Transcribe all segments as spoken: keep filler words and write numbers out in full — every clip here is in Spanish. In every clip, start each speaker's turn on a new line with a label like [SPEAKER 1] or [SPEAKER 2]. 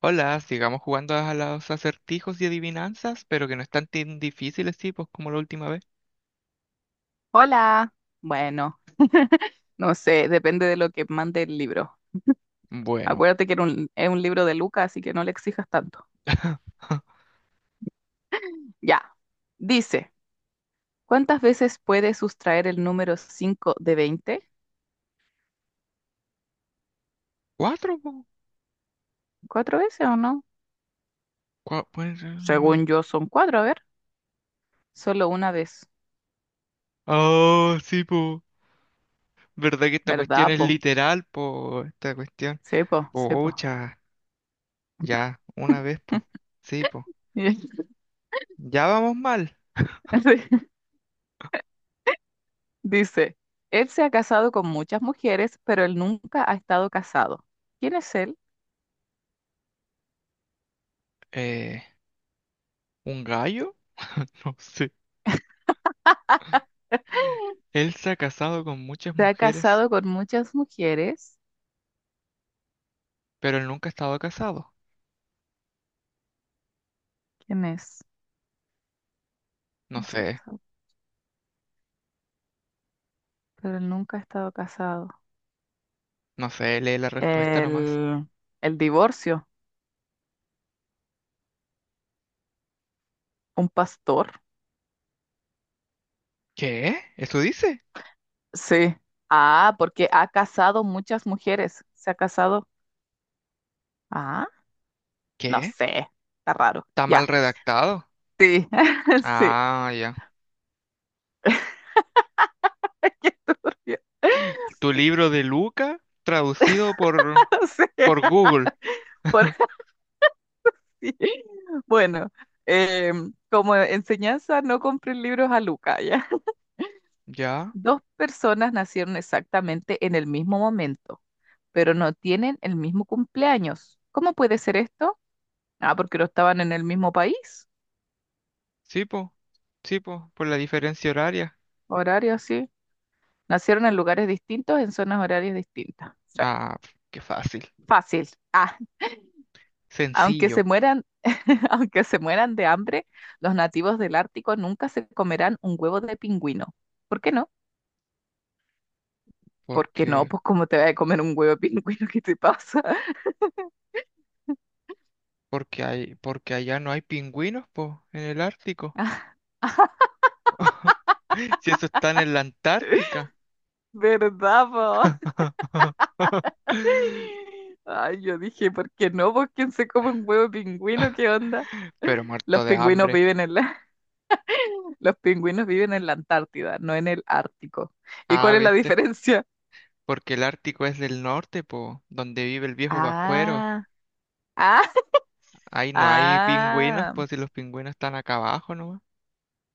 [SPEAKER 1] Hola, sigamos jugando a los acertijos y adivinanzas, pero que no están tan difíciles, sí, pues como la última vez.
[SPEAKER 2] Hola. Bueno, no sé, depende de lo que mande el libro.
[SPEAKER 1] Bueno.
[SPEAKER 2] Acuérdate que era un- es un libro de Lucas, así que no le exijas tanto. Ya. Dice, ¿cuántas veces puedes sustraer el número cinco de veinte?
[SPEAKER 1] Cuatro, po.
[SPEAKER 2] ¿Cuatro veces o no?
[SPEAKER 1] Cua- pueden ser el número-
[SPEAKER 2] Según yo son cuatro, a ver. Solo una vez,
[SPEAKER 1] Oh, sí, po. ¿Verdad que esta cuestión
[SPEAKER 2] ¿verdad,
[SPEAKER 1] es
[SPEAKER 2] po?
[SPEAKER 1] literal, po? Esta cuestión.
[SPEAKER 2] Sí, po, sí, po.
[SPEAKER 1] Pocha, ya, una vez, po. Sí, po.
[SPEAKER 2] Y-
[SPEAKER 1] Ya vamos mal.
[SPEAKER 2] Dice, él se ha casado con muchas mujeres, pero él nunca ha estado casado. ¿Quién es él?
[SPEAKER 1] Eh, ¿un gallo? No sé. Él se ha casado con muchas
[SPEAKER 2] Se ha
[SPEAKER 1] mujeres,
[SPEAKER 2] casado con muchas mujeres.
[SPEAKER 1] pero él nunca ha estado casado.
[SPEAKER 2] ¿Quién es?
[SPEAKER 1] No
[SPEAKER 2] Él se
[SPEAKER 1] sé,
[SPEAKER 2] ha casado, pero él nunca ha estado casado.
[SPEAKER 1] no sé, lee la respuesta nomás.
[SPEAKER 2] El, el divorcio, un pastor.
[SPEAKER 1] ¿Qué? ¿Eso dice?
[SPEAKER 2] Sí. Ah, porque ha casado muchas mujeres. Se ha casado. Ah, no
[SPEAKER 1] ¿Qué?
[SPEAKER 2] sé. Está raro.
[SPEAKER 1] Está mal
[SPEAKER 2] Ya.
[SPEAKER 1] redactado.
[SPEAKER 2] Sí. Sí.
[SPEAKER 1] Ah, ya.
[SPEAKER 2] Qué turbio.
[SPEAKER 1] Tu libro de Luca, traducido por,
[SPEAKER 2] Sí.
[SPEAKER 1] por Google.
[SPEAKER 2] Por así. Bueno, em, como enseñanza, no compren libros a Luca, ¿ya?
[SPEAKER 1] Ya.
[SPEAKER 2] Dos personas nacieron exactamente en el mismo momento, pero no tienen el mismo cumpleaños. ¿Cómo puede ser esto? Ah, porque no estaban en el mismo país,
[SPEAKER 1] Sí, po. Sí, po. Por la diferencia horaria.
[SPEAKER 2] horario así. Nacieron en lugares distintos, en zonas horarias distintas. Sí.
[SPEAKER 1] Ah, pf, qué fácil.
[SPEAKER 2] Fácil. Ah, aunque
[SPEAKER 1] Sencillo.
[SPEAKER 2] se mueran, aunque se mueran de hambre, los nativos del Ártico nunca se comerán un huevo de pingüino. ¿Por qué no? ¿Por qué no?
[SPEAKER 1] Porque,
[SPEAKER 2] Pues ¿cómo te vas a comer un huevo de pingüino? ¿Qué te pasa?
[SPEAKER 1] porque hay, porque allá no hay pingüinos, po, en el Ártico. Si eso están en la Antártica.
[SPEAKER 2] ¿Verdad, po? Ay, yo dije, ¿por qué no? ¿Por quién se come un huevo de pingüino? ¿Qué onda?
[SPEAKER 1] Pero
[SPEAKER 2] Los
[SPEAKER 1] muerto de
[SPEAKER 2] pingüinos
[SPEAKER 1] hambre.
[SPEAKER 2] viven en la, los pingüinos viven en la Antártida, no en el Ártico. ¿Y
[SPEAKER 1] Ah,
[SPEAKER 2] cuál es la
[SPEAKER 1] ¿viste?
[SPEAKER 2] diferencia?
[SPEAKER 1] Porque el Ártico es del norte, po, donde vive el viejo Pascuero.
[SPEAKER 2] Ah, ah,
[SPEAKER 1] Ahí no hay pingüinos,
[SPEAKER 2] ah,
[SPEAKER 1] pues si los pingüinos están acá abajo nomás.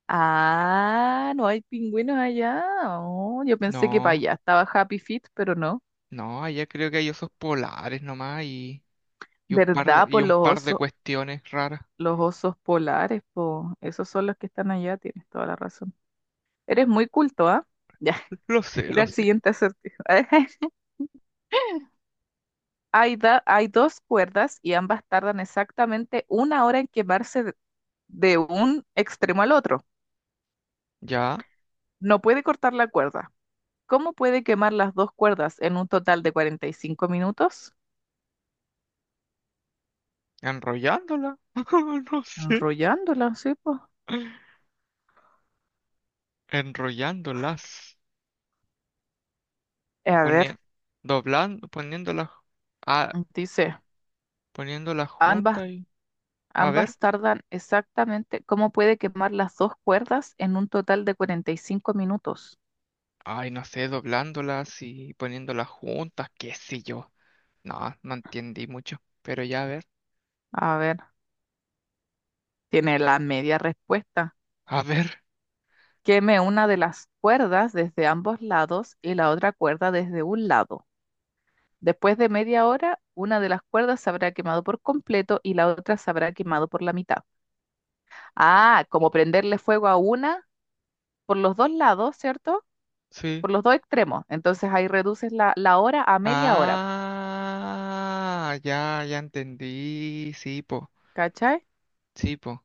[SPEAKER 2] ah, no hay pingüinos allá. Oh, yo pensé que para
[SPEAKER 1] No,
[SPEAKER 2] allá estaba Happy Feet, pero no.
[SPEAKER 1] no, allá creo que hay osos polares nomás y, y un par
[SPEAKER 2] ¿Verdad?
[SPEAKER 1] de, y
[SPEAKER 2] Por
[SPEAKER 1] un
[SPEAKER 2] los
[SPEAKER 1] par de
[SPEAKER 2] osos,
[SPEAKER 1] cuestiones raras.
[SPEAKER 2] los osos polares, po. Esos son los que están allá, tienes toda la razón. Eres muy culto, ¿ah? Ya,
[SPEAKER 1] Lo sé,
[SPEAKER 2] ir
[SPEAKER 1] lo
[SPEAKER 2] al
[SPEAKER 1] sé.
[SPEAKER 2] siguiente acertijo. Hay, da- hay dos cuerdas y ambas tardan exactamente una hora en quemarse de de un extremo al otro.
[SPEAKER 1] Ya,
[SPEAKER 2] No puede cortar la cuerda. ¿Cómo puede quemar las dos cuerdas en un total de cuarenta y cinco minutos?
[SPEAKER 1] enrollándola. No sé.
[SPEAKER 2] Enrollándola. Sí, pues.
[SPEAKER 1] Enrollándolas.
[SPEAKER 2] A ver,
[SPEAKER 1] Poni- doblando, poniéndolas, ah,
[SPEAKER 2] dice,
[SPEAKER 1] poniéndolas
[SPEAKER 2] ambas,
[SPEAKER 1] juntas y, a ver.
[SPEAKER 2] ambas tardan exactamente. ¿Cómo puede quemar las dos cuerdas en un total de cuarenta y cinco minutos?
[SPEAKER 1] Ay, no sé, doblándolas y poniéndolas juntas, qué sé yo. No, no entendí mucho. Pero ya, a ver.
[SPEAKER 2] A ver, tiene la media respuesta.
[SPEAKER 1] A ver,
[SPEAKER 2] Queme una de las cuerdas desde ambos lados y la otra cuerda desde un lado. Después de media hora, una de las cuerdas se habrá quemado por completo y la otra se habrá quemado por la mitad. Ah, como prenderle fuego a una por los dos lados, ¿cierto?
[SPEAKER 1] sí.
[SPEAKER 2] Por los dos extremos. Entonces ahí reduces la, la hora a media hora,
[SPEAKER 1] Ah, ya, ya entendí. Sí, po.
[SPEAKER 2] ¿cachai?
[SPEAKER 1] Sí, po.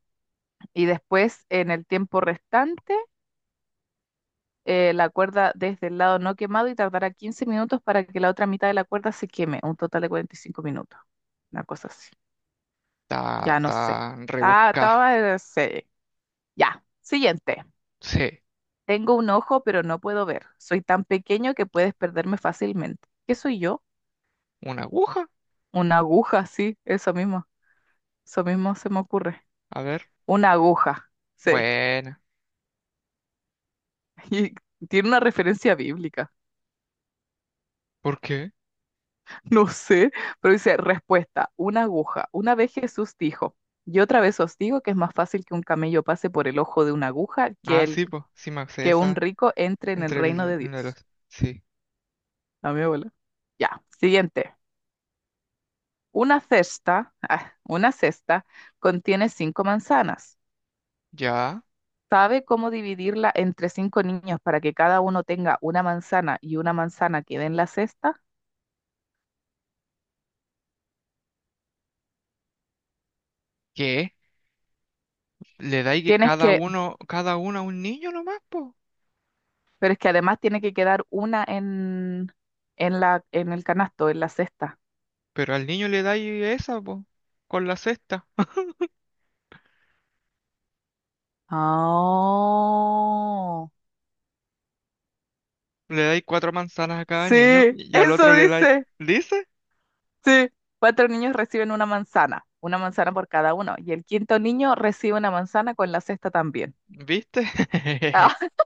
[SPEAKER 2] Y después, en el tiempo restante, eh, la cuerda desde el lado no quemado y tardará quince minutos para que la otra mitad de la cuerda se queme, un total de cuarenta y cinco minutos. Una cosa así.
[SPEAKER 1] Ta,
[SPEAKER 2] Ya no
[SPEAKER 1] ta,
[SPEAKER 2] sé. Ah,
[SPEAKER 1] rebusca.
[SPEAKER 2] estaba, sí. Ya. Siguiente.
[SPEAKER 1] Sí.
[SPEAKER 2] Tengo un ojo, pero no puedo ver. Soy tan pequeño que puedes perderme fácilmente. ¿Qué soy yo?
[SPEAKER 1] ¿Una aguja?
[SPEAKER 2] Una aguja, sí, eso mismo. Eso mismo se me ocurre.
[SPEAKER 1] A ver.
[SPEAKER 2] Una aguja, sí.
[SPEAKER 1] Buena.
[SPEAKER 2] Y tiene una referencia bíblica.
[SPEAKER 1] ¿Por qué?
[SPEAKER 2] No sé, pero dice respuesta, una aguja. Una vez Jesús dijo, y otra vez os digo que es más fácil que un camello pase por el ojo de una aguja que,
[SPEAKER 1] Ah,
[SPEAKER 2] el,
[SPEAKER 1] sí, po. Sí, me sé
[SPEAKER 2] que un
[SPEAKER 1] esa
[SPEAKER 2] rico entre en el
[SPEAKER 1] entre
[SPEAKER 2] reino
[SPEAKER 1] el,
[SPEAKER 2] de
[SPEAKER 1] uno de los...
[SPEAKER 2] Dios.
[SPEAKER 1] Sí.
[SPEAKER 2] A mi abuela. Ya, siguiente. Una cesta, ah, una cesta contiene cinco manzanas.
[SPEAKER 1] ¿Ya?
[SPEAKER 2] ¿Sabe cómo dividirla entre cinco niños para que cada uno tenga una manzana y una manzana quede en la cesta?
[SPEAKER 1] ¿Qué? ¿Le dais que
[SPEAKER 2] Tienes
[SPEAKER 1] cada
[SPEAKER 2] que,
[SPEAKER 1] uno, cada uno a un niño nomás, po?
[SPEAKER 2] pero es que además tiene que quedar una en, en la, en el canasto, en la cesta.
[SPEAKER 1] Pero al niño le dais esa, po. Con la cesta.
[SPEAKER 2] Oh,
[SPEAKER 1] Le dais cuatro manzanas a cada niño
[SPEAKER 2] sí,
[SPEAKER 1] y al otro
[SPEAKER 2] eso
[SPEAKER 1] le dais...
[SPEAKER 2] dice.
[SPEAKER 1] ¿Dice?
[SPEAKER 2] Sí, cuatro niños reciben una manzana, una manzana por cada uno, y el quinto niño recibe una manzana con la cesta también.
[SPEAKER 1] ¿Viste?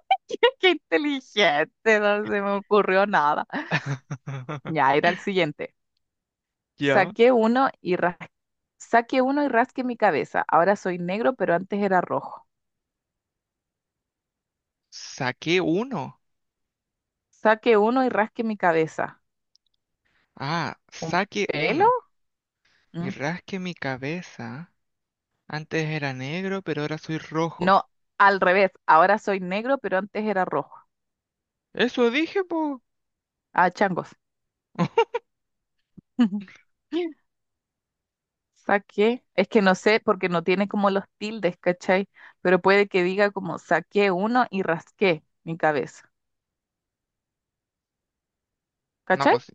[SPEAKER 2] Qué inteligente, no se me ocurrió nada. Ya, era el siguiente.
[SPEAKER 1] Ya.
[SPEAKER 2] Saqué uno y ras- Saqué uno y rasqué mi cabeza. Ahora soy negro, pero antes era rojo.
[SPEAKER 1] Saqué uno.
[SPEAKER 2] Saqué uno y rasqué mi cabeza.
[SPEAKER 1] Ah,
[SPEAKER 2] ¿Un
[SPEAKER 1] saqué
[SPEAKER 2] pelo?
[SPEAKER 1] uno. Y
[SPEAKER 2] Mm.
[SPEAKER 1] rasqué mi cabeza. Antes era negro, pero ahora soy rojo.
[SPEAKER 2] No, al revés. Ahora soy negro, pero antes era rojo.
[SPEAKER 1] Eso dije, po.
[SPEAKER 2] Ah, changos. Saqué. Es que no sé porque no tiene como los tildes, ¿cachai? Pero puede que diga como saqué uno y rasqué mi cabeza.
[SPEAKER 1] No,
[SPEAKER 2] ¿Cachai?
[SPEAKER 1] pues,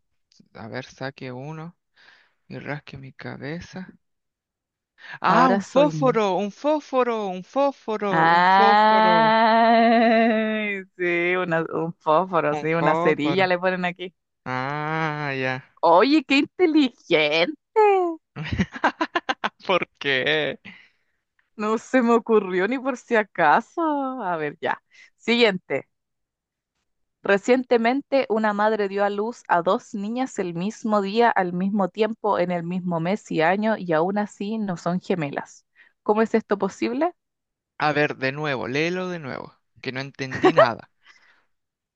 [SPEAKER 1] a ver, saque uno y rasque mi cabeza. Ah,
[SPEAKER 2] Ahora
[SPEAKER 1] un
[SPEAKER 2] soy negro.
[SPEAKER 1] fósforo, un fósforo, un fósforo, un fósforo,
[SPEAKER 2] Ay, sí, una- un fósforo,
[SPEAKER 1] un
[SPEAKER 2] sí, una cerilla
[SPEAKER 1] fósforo.
[SPEAKER 2] le ponen aquí.
[SPEAKER 1] Ah, ya.
[SPEAKER 2] Oye, qué inteligente.
[SPEAKER 1] ¿Por qué?
[SPEAKER 2] No se me ocurrió ni por si acaso. A ver, ya. Siguiente. Recientemente, una madre dio a luz a dos niñas el mismo día, al mismo tiempo, en el mismo mes y año, y aún así no son gemelas. ¿Cómo es esto posible?
[SPEAKER 1] A ver, de nuevo, léelo de nuevo, que no entendí nada.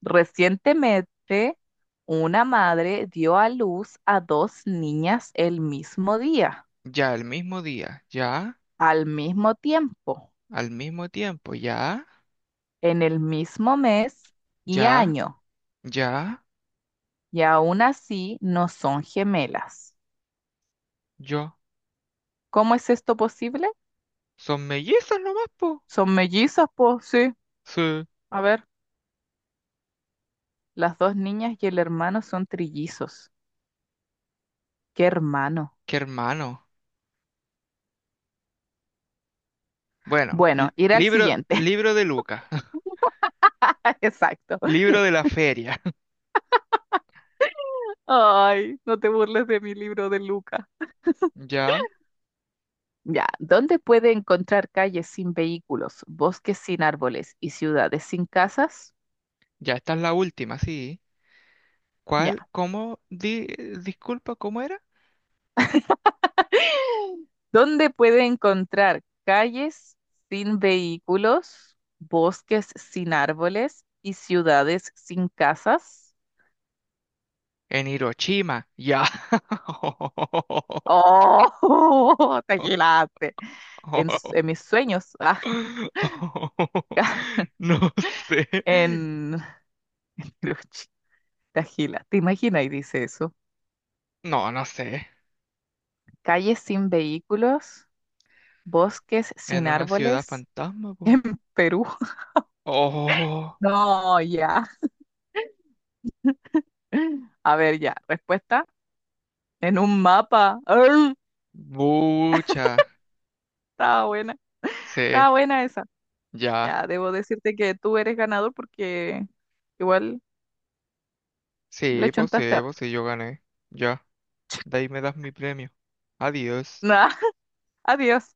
[SPEAKER 2] Recientemente, una madre dio a luz a dos niñas el mismo día,
[SPEAKER 1] Ya al mismo día, ya,
[SPEAKER 2] al mismo tiempo,
[SPEAKER 1] al mismo tiempo, ya,
[SPEAKER 2] en el mismo mes y
[SPEAKER 1] ya,
[SPEAKER 2] año,
[SPEAKER 1] ya,
[SPEAKER 2] y aún así no son gemelas.
[SPEAKER 1] yo.
[SPEAKER 2] ¿Cómo es esto posible?
[SPEAKER 1] Son mellizos nomás, po.
[SPEAKER 2] Son mellizas, pues sí.
[SPEAKER 1] Sí.
[SPEAKER 2] A ver, las dos niñas y el hermano son trillizos. ¿Qué hermano?
[SPEAKER 1] Qué hermano. Bueno,
[SPEAKER 2] Bueno,
[SPEAKER 1] li-
[SPEAKER 2] ir al
[SPEAKER 1] libro,
[SPEAKER 2] siguiente.
[SPEAKER 1] libro de Lucas,
[SPEAKER 2] Exacto.
[SPEAKER 1] libro de la feria.
[SPEAKER 2] Ay, no te burles de mi libro de Lucas.
[SPEAKER 1] Ya,
[SPEAKER 2] Ya, ¿dónde puede encontrar calles sin vehículos, bosques sin árboles y ciudades sin casas?
[SPEAKER 1] ya esta es la última, sí.
[SPEAKER 2] Ya,
[SPEAKER 1] ¿Cuál? ¿Cómo? Di- disculpa, ¿cómo era?
[SPEAKER 2] ¿dónde puede encontrar calles sin vehículos, bosques sin árboles y ciudades sin casas?
[SPEAKER 1] En Hiroshima, ya.
[SPEAKER 2] ¡Oh! ¡Te agilaste! En, s- en mis sueños, ah,
[SPEAKER 1] No sé.
[SPEAKER 2] en... Cruch, te agila, ¿te imaginas? Y dice eso.
[SPEAKER 1] No, no sé.
[SPEAKER 2] Calles sin vehículos, bosques sin
[SPEAKER 1] En una ciudad
[SPEAKER 2] árboles
[SPEAKER 1] fantasma, po.
[SPEAKER 2] en Perú.
[SPEAKER 1] Oh,
[SPEAKER 2] No, ya. A ver, ya. Respuesta en un mapa. ¡Arr!
[SPEAKER 1] bucha.
[SPEAKER 2] Estaba buena.
[SPEAKER 1] Sí,
[SPEAKER 2] Estaba buena esa.
[SPEAKER 1] ya.
[SPEAKER 2] Ya, debo decirte que tú eres ganador porque igual le
[SPEAKER 1] Sí, pues sí,
[SPEAKER 2] chuntaste.
[SPEAKER 1] pues
[SPEAKER 2] Harto.
[SPEAKER 1] sí, yo gané. Ya. De ahí me das mi premio. Adiós.
[SPEAKER 2] Nah, adiós.